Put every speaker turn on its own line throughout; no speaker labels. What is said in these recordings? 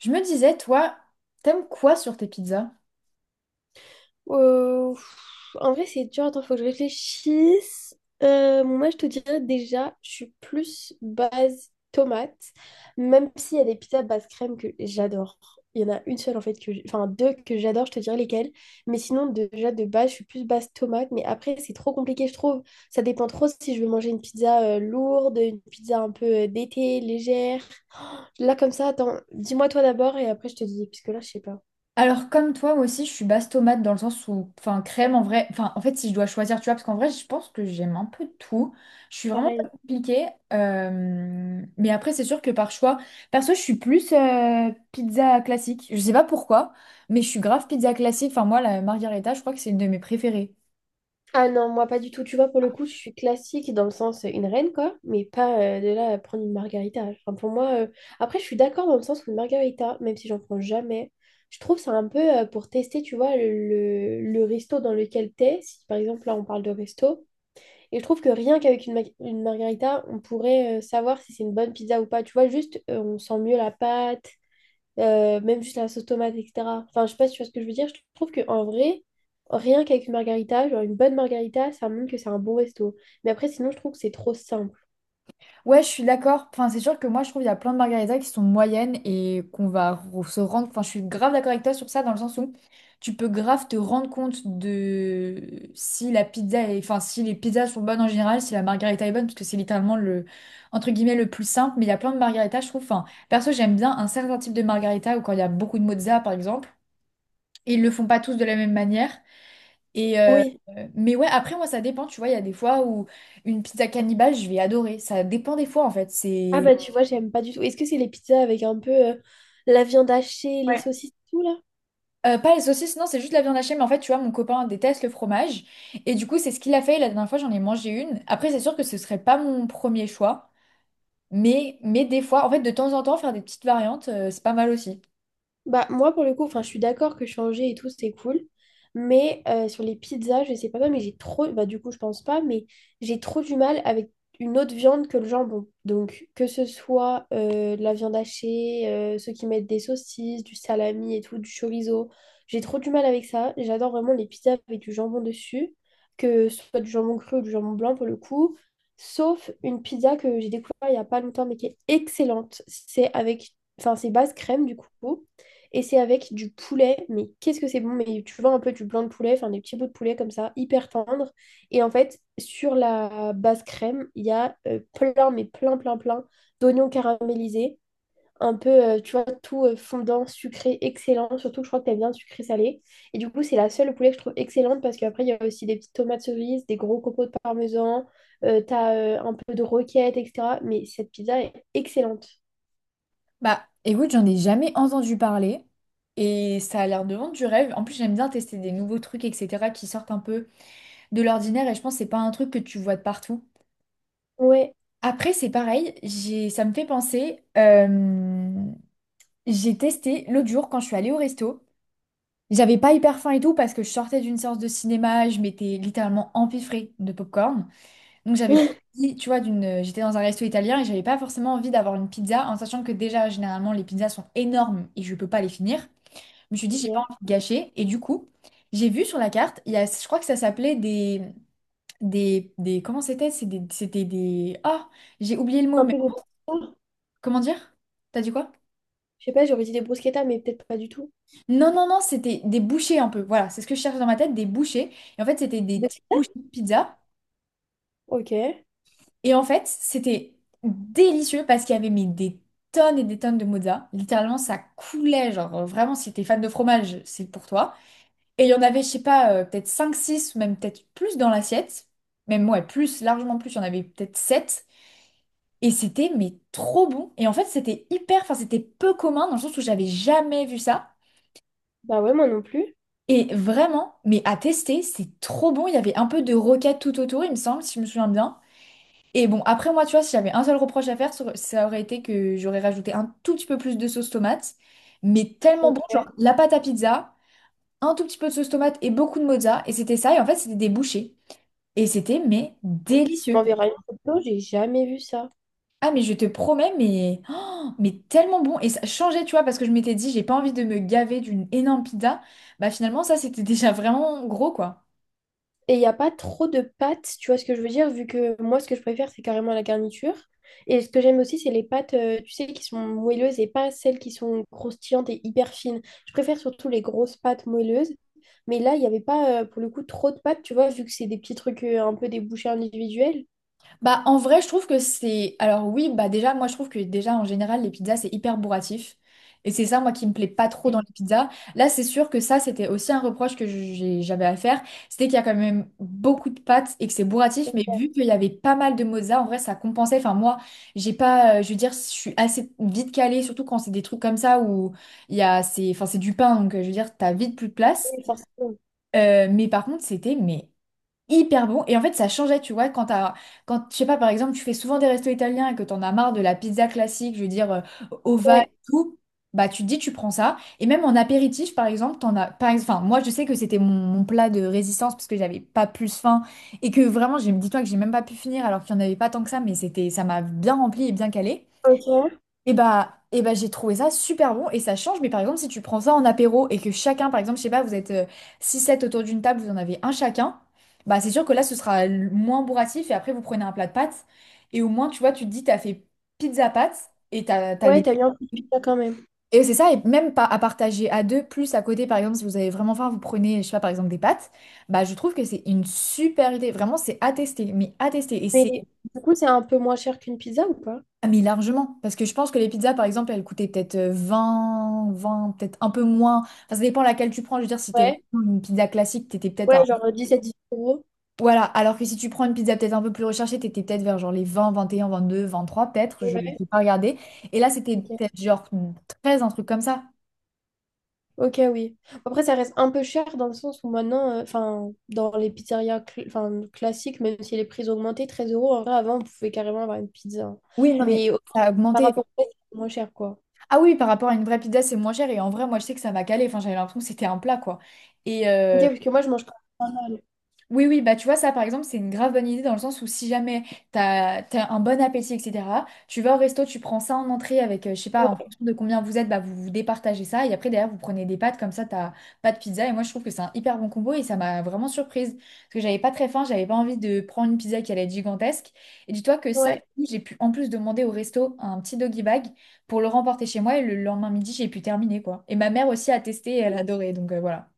Je me disais, toi, t'aimes quoi sur tes pizzas?
En vrai, c'est dur. Attends, faut que je réfléchisse. Bon, moi, je te dirais déjà, je suis plus base tomate, même s'il y a des pizzas base crème que j'adore. Il y en a une seule, en fait, que enfin deux que j'adore, je te dirais lesquelles. Mais sinon, déjà, de base, je suis plus base tomate. Mais après, c'est trop compliqué, je trouve. Ça dépend trop si je veux manger une pizza lourde, une pizza un peu d'été, légère. Là, comme ça, attends, dis-moi toi d'abord et après, je te dis, puisque là, je sais pas.
Alors, comme toi, moi aussi, je suis basse tomate dans le sens où, enfin, crème en vrai, enfin, en fait, si je dois choisir, tu vois, parce qu'en vrai, je pense que j'aime un peu tout. Je suis vraiment pas
Pareil.
compliquée. Mais après, c'est sûr que par choix, perso, je suis plus pizza classique. Je sais pas pourquoi, mais je suis grave pizza classique. Enfin, moi, la margherita, je crois que c'est une de mes préférées.
Ah non, moi pas du tout. Tu vois, pour le coup, je suis classique dans le sens une reine, quoi, mais pas de là à prendre une margarita. Enfin, pour moi, après, je suis d'accord dans le sens où une margarita, même si j'en prends jamais, je trouve ça un peu pour tester, tu vois, le resto dans lequel t'es. Si par exemple, là, on parle de resto, et je trouve que rien qu'avec une margarita, on pourrait savoir si c'est une bonne pizza ou pas. Tu vois, juste, on sent mieux la pâte, même juste la sauce tomate, etc. Enfin, je sais pas si tu vois ce que je veux dire. Je trouve qu'en vrai, rien qu'avec une margarita, genre une bonne margarita, ça montre que c'est un bon resto. Mais après, sinon, je trouve que c'est trop simple.
Ouais, je suis d'accord. Enfin, c'est sûr que moi, je trouve qu'il y a plein de margaritas qui sont moyennes et se rendre. Enfin, je suis grave d'accord avec toi sur ça, dans le sens où tu peux grave te rendre compte de si la pizza est enfin, si les pizzas sont bonnes en général, si la margarita est bonne, parce que c'est littéralement le, entre guillemets, le plus simple. Mais il y a plein de margaritas, je trouve. Enfin, perso, j'aime bien un certain type de margarita ou quand il y a beaucoup de mozza, par exemple. Ils le font pas tous de la même manière. Et euh,
Oui.
mais ouais, après moi ça dépend, tu vois, il y a des fois où une pizza cannibale, je vais adorer. Ça dépend des fois en fait.
Ah
C'est.
bah tu vois, j'aime pas du tout. Est-ce que c'est les pizzas avec un peu la viande hachée, les
Ouais.
saucisses, tout là?
Pas les saucisses, non, c'est juste la viande hachée, mais en fait, tu vois, mon copain déteste le fromage. Et du coup, c'est ce qu'il a fait. La dernière fois, j'en ai mangé une. Après, c'est sûr que ce serait pas mon premier choix. Mais des fois, en fait, de temps en temps, faire des petites variantes, c'est pas mal aussi.
Bah, moi, pour le coup, enfin, je suis d'accord que changer et tout, c'est cool. Mais sur les pizzas, je sais pas, mais j'ai trop. Bah, du coup, je pense pas, mais j'ai trop du mal avec une autre viande que le jambon. Donc, que ce soit de la viande hachée, ceux qui mettent des saucisses, du salami et tout, du chorizo. J'ai trop du mal avec ça. J'adore vraiment les pizzas avec du jambon dessus, que ce soit du jambon cru ou du jambon blanc pour le coup. Sauf une pizza que j'ai découvert il y a pas longtemps, mais qui est excellente. C'est avec. Enfin, c'est base crème du coup. Et c'est avec du poulet, mais qu'est-ce que c'est bon, mais tu vois un peu du blanc de poulet, enfin des petits bouts de poulet comme ça, hyper tendres. Et en fait, sur la base crème, il y a plein, mais plein, plein, plein d'oignons caramélisés, un peu, tu vois, tout fondant, sucré, excellent. Surtout que je crois que t'aimes bien le sucré salé. Et du coup, c'est la seule poulet que je trouve excellente parce qu'après, il y a aussi des petites tomates cerises, des gros copeaux de parmesan, t'as un peu de roquette, etc. Mais cette pizza est excellente.
Bah, écoute, j'en ai jamais entendu parler. Et ça a l'air de vendre du rêve. En plus, j'aime bien tester des nouveaux trucs, etc., qui sortent un peu de l'ordinaire. Et je pense que c'est pas un truc que tu vois de partout.
Ouais.
Après, c'est pareil, ça me fait penser, j'ai testé l'autre jour quand je suis allée au resto. J'avais pas hyper faim et tout parce que je sortais d'une séance de cinéma, je m'étais littéralement empiffrée de popcorn. Donc j'avais pas envie, tu vois, j'étais dans un resto italien et j'avais pas forcément envie d'avoir une pizza en sachant que déjà, généralement, les pizzas sont énormes et je peux pas les finir. Je me suis dit, j'ai pas
Ok.
envie de gâcher. Et du coup, j'ai vu sur la carte, il y a, je crois que ça s'appelait comment c'était? C'était des, oh, j'ai oublié le
Un
mot.
peu de...
Comment dire? T'as dit quoi?
Je sais pas, j'aurais dit des bruschettas, mais peut-être pas du tout.
Non, non, non, c'était des bouchées un peu. Voilà, c'est ce que je cherche dans ma tête, des bouchées. Et en fait, c'était des
Des-
petites bouchées de pizza.
Ok.
Et en fait, c'était délicieux parce qu'il y avait mis des tonnes et des tonnes de mozza. Littéralement, ça coulait. Genre, vraiment, si t'es fan de fromage, c'est pour toi. Et il y en avait, je sais pas, peut-être 5, 6, ou même peut-être plus dans l'assiette. Même, ouais, plus, largement plus. Il y en avait peut-être 7. Et c'était, mais trop bon. Et en fait, c'était hyper, enfin, c'était peu commun dans le sens où j'avais jamais vu ça.
Bah ouais, moi non plus.
Et vraiment, mais à tester, c'est trop bon. Il y avait un peu de roquette tout autour, il me semble, si je me souviens bien. Et bon, après moi, tu vois, si j'avais un seul reproche à faire, ça aurait été que j'aurais rajouté un tout petit peu plus de sauce tomate. Mais tellement
Ok.
bon, genre la pâte à pizza, un tout petit peu de sauce tomate et beaucoup de mozza. Et c'était ça, et en fait, c'était des bouchées. Et c'était, mais
On
délicieux.
verra une photo, j'ai jamais vu ça.
Ah, mais je te promets, mais, oh, mais tellement bon. Et ça changeait, tu vois, parce que je m'étais dit, j'ai pas envie de me gaver d'une énorme pizza. Bah finalement, ça, c'était déjà vraiment gros, quoi.
Et il n'y a pas trop de pâtes, tu vois ce que je veux dire, vu que moi, ce que je préfère, c'est carrément la garniture. Et ce que j'aime aussi, c'est les pâtes, tu sais, qui sont moelleuses et pas celles qui sont croustillantes et hyper fines. Je préfère surtout les grosses pâtes moelleuses. Mais là, il n'y avait pas, pour le coup, trop de pâtes, tu vois, vu que c'est des petits trucs un peu des bouchées individuelles.
Bah, en vrai, je trouve que c'est. Alors, oui, bah, déjà, moi, je trouve que déjà, en général, les pizzas, c'est hyper bourratif. Et c'est ça, moi, qui me plaît pas trop dans les pizzas. Là, c'est sûr que ça, c'était aussi un reproche que j'avais à faire. C'était qu'il y a quand même beaucoup de pâtes et que c'est bourratif. Mais vu qu'il y avait pas mal de mozza, en vrai, ça compensait. Enfin, moi, j'ai pas. Je veux dire, je suis assez vite calée, surtout quand c'est des trucs comme ça où il y a. C'est enfin, c'est du pain, donc je veux dire, t'as vite plus de place.
Et forcément-
Mais par contre, c'était mais hyper bon. Et en fait, ça changeait, tu vois, quand, je sais pas, par exemple, tu fais souvent des restos italiens et que t'en as marre de la pizza classique, je veux dire, ovale et
Ouais.
tout, bah tu te dis, tu prends ça. Et même en apéritif, par exemple, t'en as, par ex- enfin, moi, je sais que c'était mon plat de résistance parce que j'avais pas plus faim et que vraiment, j'ai, dis-toi que j'ai même pas pu finir alors qu'il y en avait pas tant que ça, mais c'était, ça m'a bien rempli et bien calé.
Ok.
Et bah j'ai trouvé ça super bon et ça change. Mais par exemple, si tu prends ça en apéro et que chacun, par exemple, je sais pas, vous êtes six sept autour d'une table, vous en avez un chacun, bah c'est sûr que là, moins bourratif et après, vous prenez un plat de pâtes. Et au moins, tu vois, tu te dis, t'as fait pizza pâtes et t'as
Ouais,
les.
t'as eu un peu de pizza quand même.
Et c'est ça, et même pas à partager à deux, plus à côté, par exemple, si vous avez vraiment faim, vous prenez, je sais pas, par exemple, des pâtes. Bah, je trouve que c'est une super idée. Vraiment, c'est à tester, mais à tester. Et c'est.
Mais du coup, c'est un peu moins cher qu'une pizza ou pas?
Ah, mais largement, parce que je pense que les pizzas, par exemple, elles coûtaient peut-être vingt, peut-être un peu moins. Enfin, ça dépend laquelle tu prends. Je veux dire, si t'es
Ouais,
vraiment une pizza classique, t'étais peut-être
ouais,
à
genre 17-18 euros.
Voilà, alors que si tu prends une pizza peut-être un peu plus recherchée, t'étais peut-être vers genre les vingt, vingt et un, vingt deux, vingt trois, peut-être. Je n'ai
Ouais,
pas regardé. Et là, c'était
ok.
peut-être genre 13 un truc comme ça.
Ok, oui. Après, ça reste un peu cher dans le sens où maintenant, enfin, dans les pizzerias 'fin, classiques, même si les prix ont augmenté, 13 euros, en vrai, avant, on pouvait carrément avoir une pizza. Hein.
Oui, non, mais
Mais
ça a
par
augmenté.
rapport au prix, c'est moins cher, quoi.
Ah oui, par rapport à une vraie pizza, c'est moins cher. Et en vrai, moi, je sais que ça m'a calé. Enfin, j'avais l'impression que c'était un plat, quoi. Et,
Ok, parce que moi, je mange quand même pas mal.
oui, oui, bah tu vois, ça par exemple, c'est une grave bonne idée dans le sens où si jamais t'as un bon appétit, etc., tu vas au resto, tu prends ça en entrée avec, je sais pas, en
Ouais,
fonction de combien vous êtes, bah vous vous départagez ça et après derrière vous prenez des pâtes, comme ça t'as pas de pizza et moi je trouve que c'est un hyper bon combo et ça m'a vraiment surprise parce que j'avais pas très faim, j'avais pas envie de prendre une pizza qui allait être gigantesque et dis-toi que ça,
ouais.
j'ai pu en plus demander au resto un petit doggy bag pour le remporter chez moi et le lendemain midi j'ai pu terminer quoi. Et ma mère aussi a testé et elle a adoré donc voilà.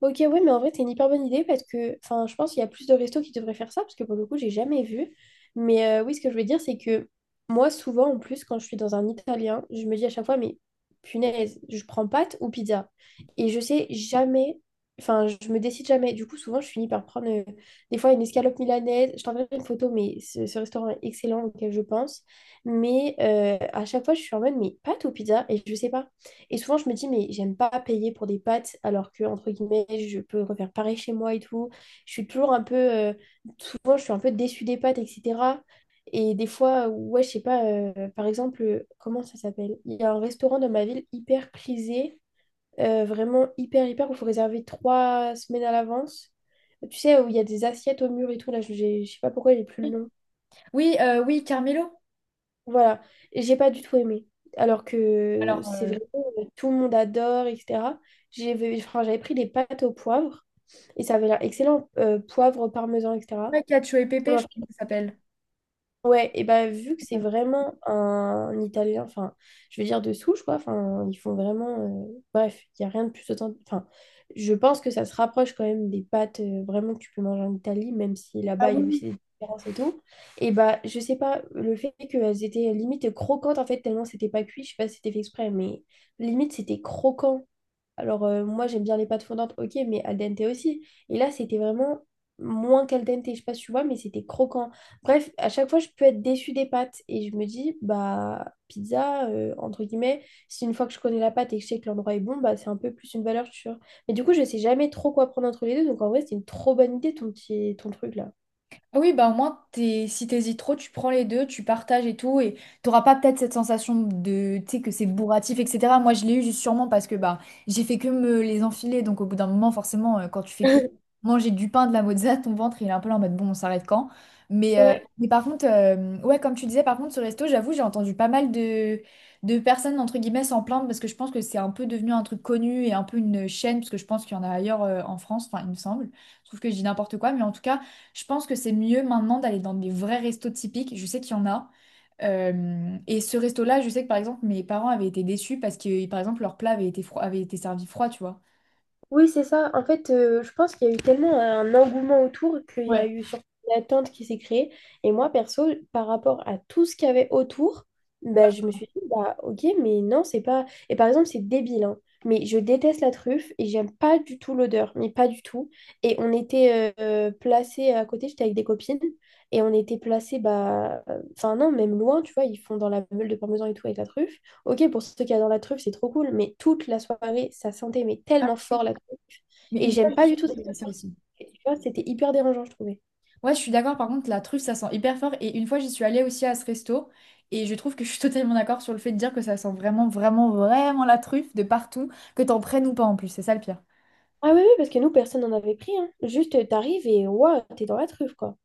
Ok, ouais, mais en vrai, c'est une hyper bonne idée parce que, enfin, je pense qu'il y a plus de restos qui devraient faire ça parce que pour le coup, j'ai jamais vu. Mais oui, ce que je veux dire, c'est que moi, souvent, en plus, quand je suis dans un italien, je me dis à chaque fois, mais punaise, je prends pâte ou pizza? Et je sais jamais, enfin, je me décide jamais. Du coup, souvent, je finis par prendre des fois une escalope milanaise. Je t'enverrai une photo, mais ce restaurant est excellent auquel je pense. Mais à chaque fois, je suis en mode, mais pâte ou pizza? Et je sais pas. Et souvent, je me dis, mais j'aime pas payer pour des pâtes alors que, entre guillemets, je peux refaire pareil chez moi et tout. Je suis toujours un peu. Souvent, je suis un peu déçue des pâtes, etc. Et des fois, ouais, je sais pas, par exemple, comment ça s'appelle? Il y a un restaurant dans ma ville hyper prisé, vraiment hyper, hyper, où il faut réserver 3 semaines à l'avance. Tu sais, où il y a des assiettes au mur et tout, là, je sais pas pourquoi j'ai plus le nom.
Oui, oui, Carmelo.
Voilà, et j'ai pas du tout aimé. Alors que
Alors,
c'est vrai, tout le monde adore, etc. J'avais pris des pâtes au poivre et ça avait l'air excellent, poivre, parmesan, etc.
ouais, Cacio et
On
Pépé, je crois que ça s'appelle.
Ouais, et bah vu que c'est vraiment un Italien, enfin, je veux dire de souche, quoi, enfin, ils font vraiment. Bref, il n'y a rien de plus authentique. Enfin, je pense que ça se rapproche quand même des pâtes vraiment que tu peux manger en Italie, même si
Ah
là-bas, il y a aussi
oui,
des différences et tout. Et bah, je sais pas, le fait qu'elles étaient limite croquantes, en fait, tellement c'était pas cuit, je sais pas si c'était fait exprès, mais limite, c'était croquant. Alors, moi, j'aime bien les pâtes fondantes, ok, mais al dente aussi. Et là, c'était vraiment moins qu'al dente, je sais pas si tu vois, mais c'était croquant. Bref, à chaque fois, je peux être déçue des pâtes. Et je me dis, bah, pizza, entre guillemets, si une fois que je connais la pâte et que je sais que l'endroit est bon, bah, c'est un peu plus une valeur sûre. Mais du coup, je sais jamais trop quoi prendre entre les deux. Donc, en vrai, c'est une trop bonne idée, ton truc là.
ah oui, bah au moins, t'es, si t'hésites trop, tu prends les deux, tu partages et tout, et t'auras pas peut-être cette sensation de, tu sais, que c'est bourratif, etc. Moi, je l'ai eu juste sûrement parce que bah j'ai fait que me les enfiler, donc au bout d'un moment, forcément, quand tu fais que manger du pain, de la mozza, ton ventre, il est un peu là en mode, bon, on s'arrête quand? Mais, euh,
Ouais.
mais par contre, ouais, comme tu disais, par contre, ce resto, j'avoue, j'ai entendu pas mal de personnes, entre guillemets, s'en plaindre parce que je pense que c'est un peu devenu un truc connu et un peu une chaîne, parce que je pense qu'il y en a ailleurs en France, enfin, il me semble. Je trouve que je dis n'importe quoi, mais en tout cas Je pense que c'est mieux maintenant d'aller dans des vrais restos typiques. Je sais qu'il y en a. Et ce resto-là, je sais que par exemple, mes parents avaient été déçus parce que, par exemple, leur plat avait été froid, avait été servi froid, tu vois.
Oui, c'est ça. En fait, je pense qu'il y a eu tellement un engouement autour qu'il y a
Ouais.
eu surtout une attente qui s'est créée. Et moi, perso, par rapport à tout ce qu'il y avait autour, bah,
Bah,
je me suis dit, bah, ok, mais non, c'est pas. Et par exemple, c'est débile, hein, mais je déteste la truffe et j'aime pas du tout l'odeur, mais pas du tout. Et on était placés à côté, j'étais avec des copines, et on était placés, bah, enfin, non, même loin, tu vois, ils font dans la meule de parmesan et tout avec la truffe. Ok, pour ceux qui adorent la truffe, c'est trop cool, mais toute la soirée, ça sentait mais
ah
tellement
oui.
fort la truffe.
Mais
Et
une fois,
j'aime
j'y
pas
suis
du tout cette
allée, à ça
odeur.
aussi.
Tu vois, c'était hyper dérangeant, je trouvais.
Ouais, je suis d'accord. Par contre, la truffe, ça sent hyper fort. Et une fois, j'y suis allée aussi à ce resto. Et je trouve que je suis totalement d'accord sur le fait de dire que ça sent vraiment, vraiment, vraiment la truffe de partout, que t'en prennes ou pas en plus. C'est ça le pire.
Ah oui, oui, parce que nous, personne n'en avait pris, hein. Juste, t'arrives et waouh, t'es dans la truffe, quoi.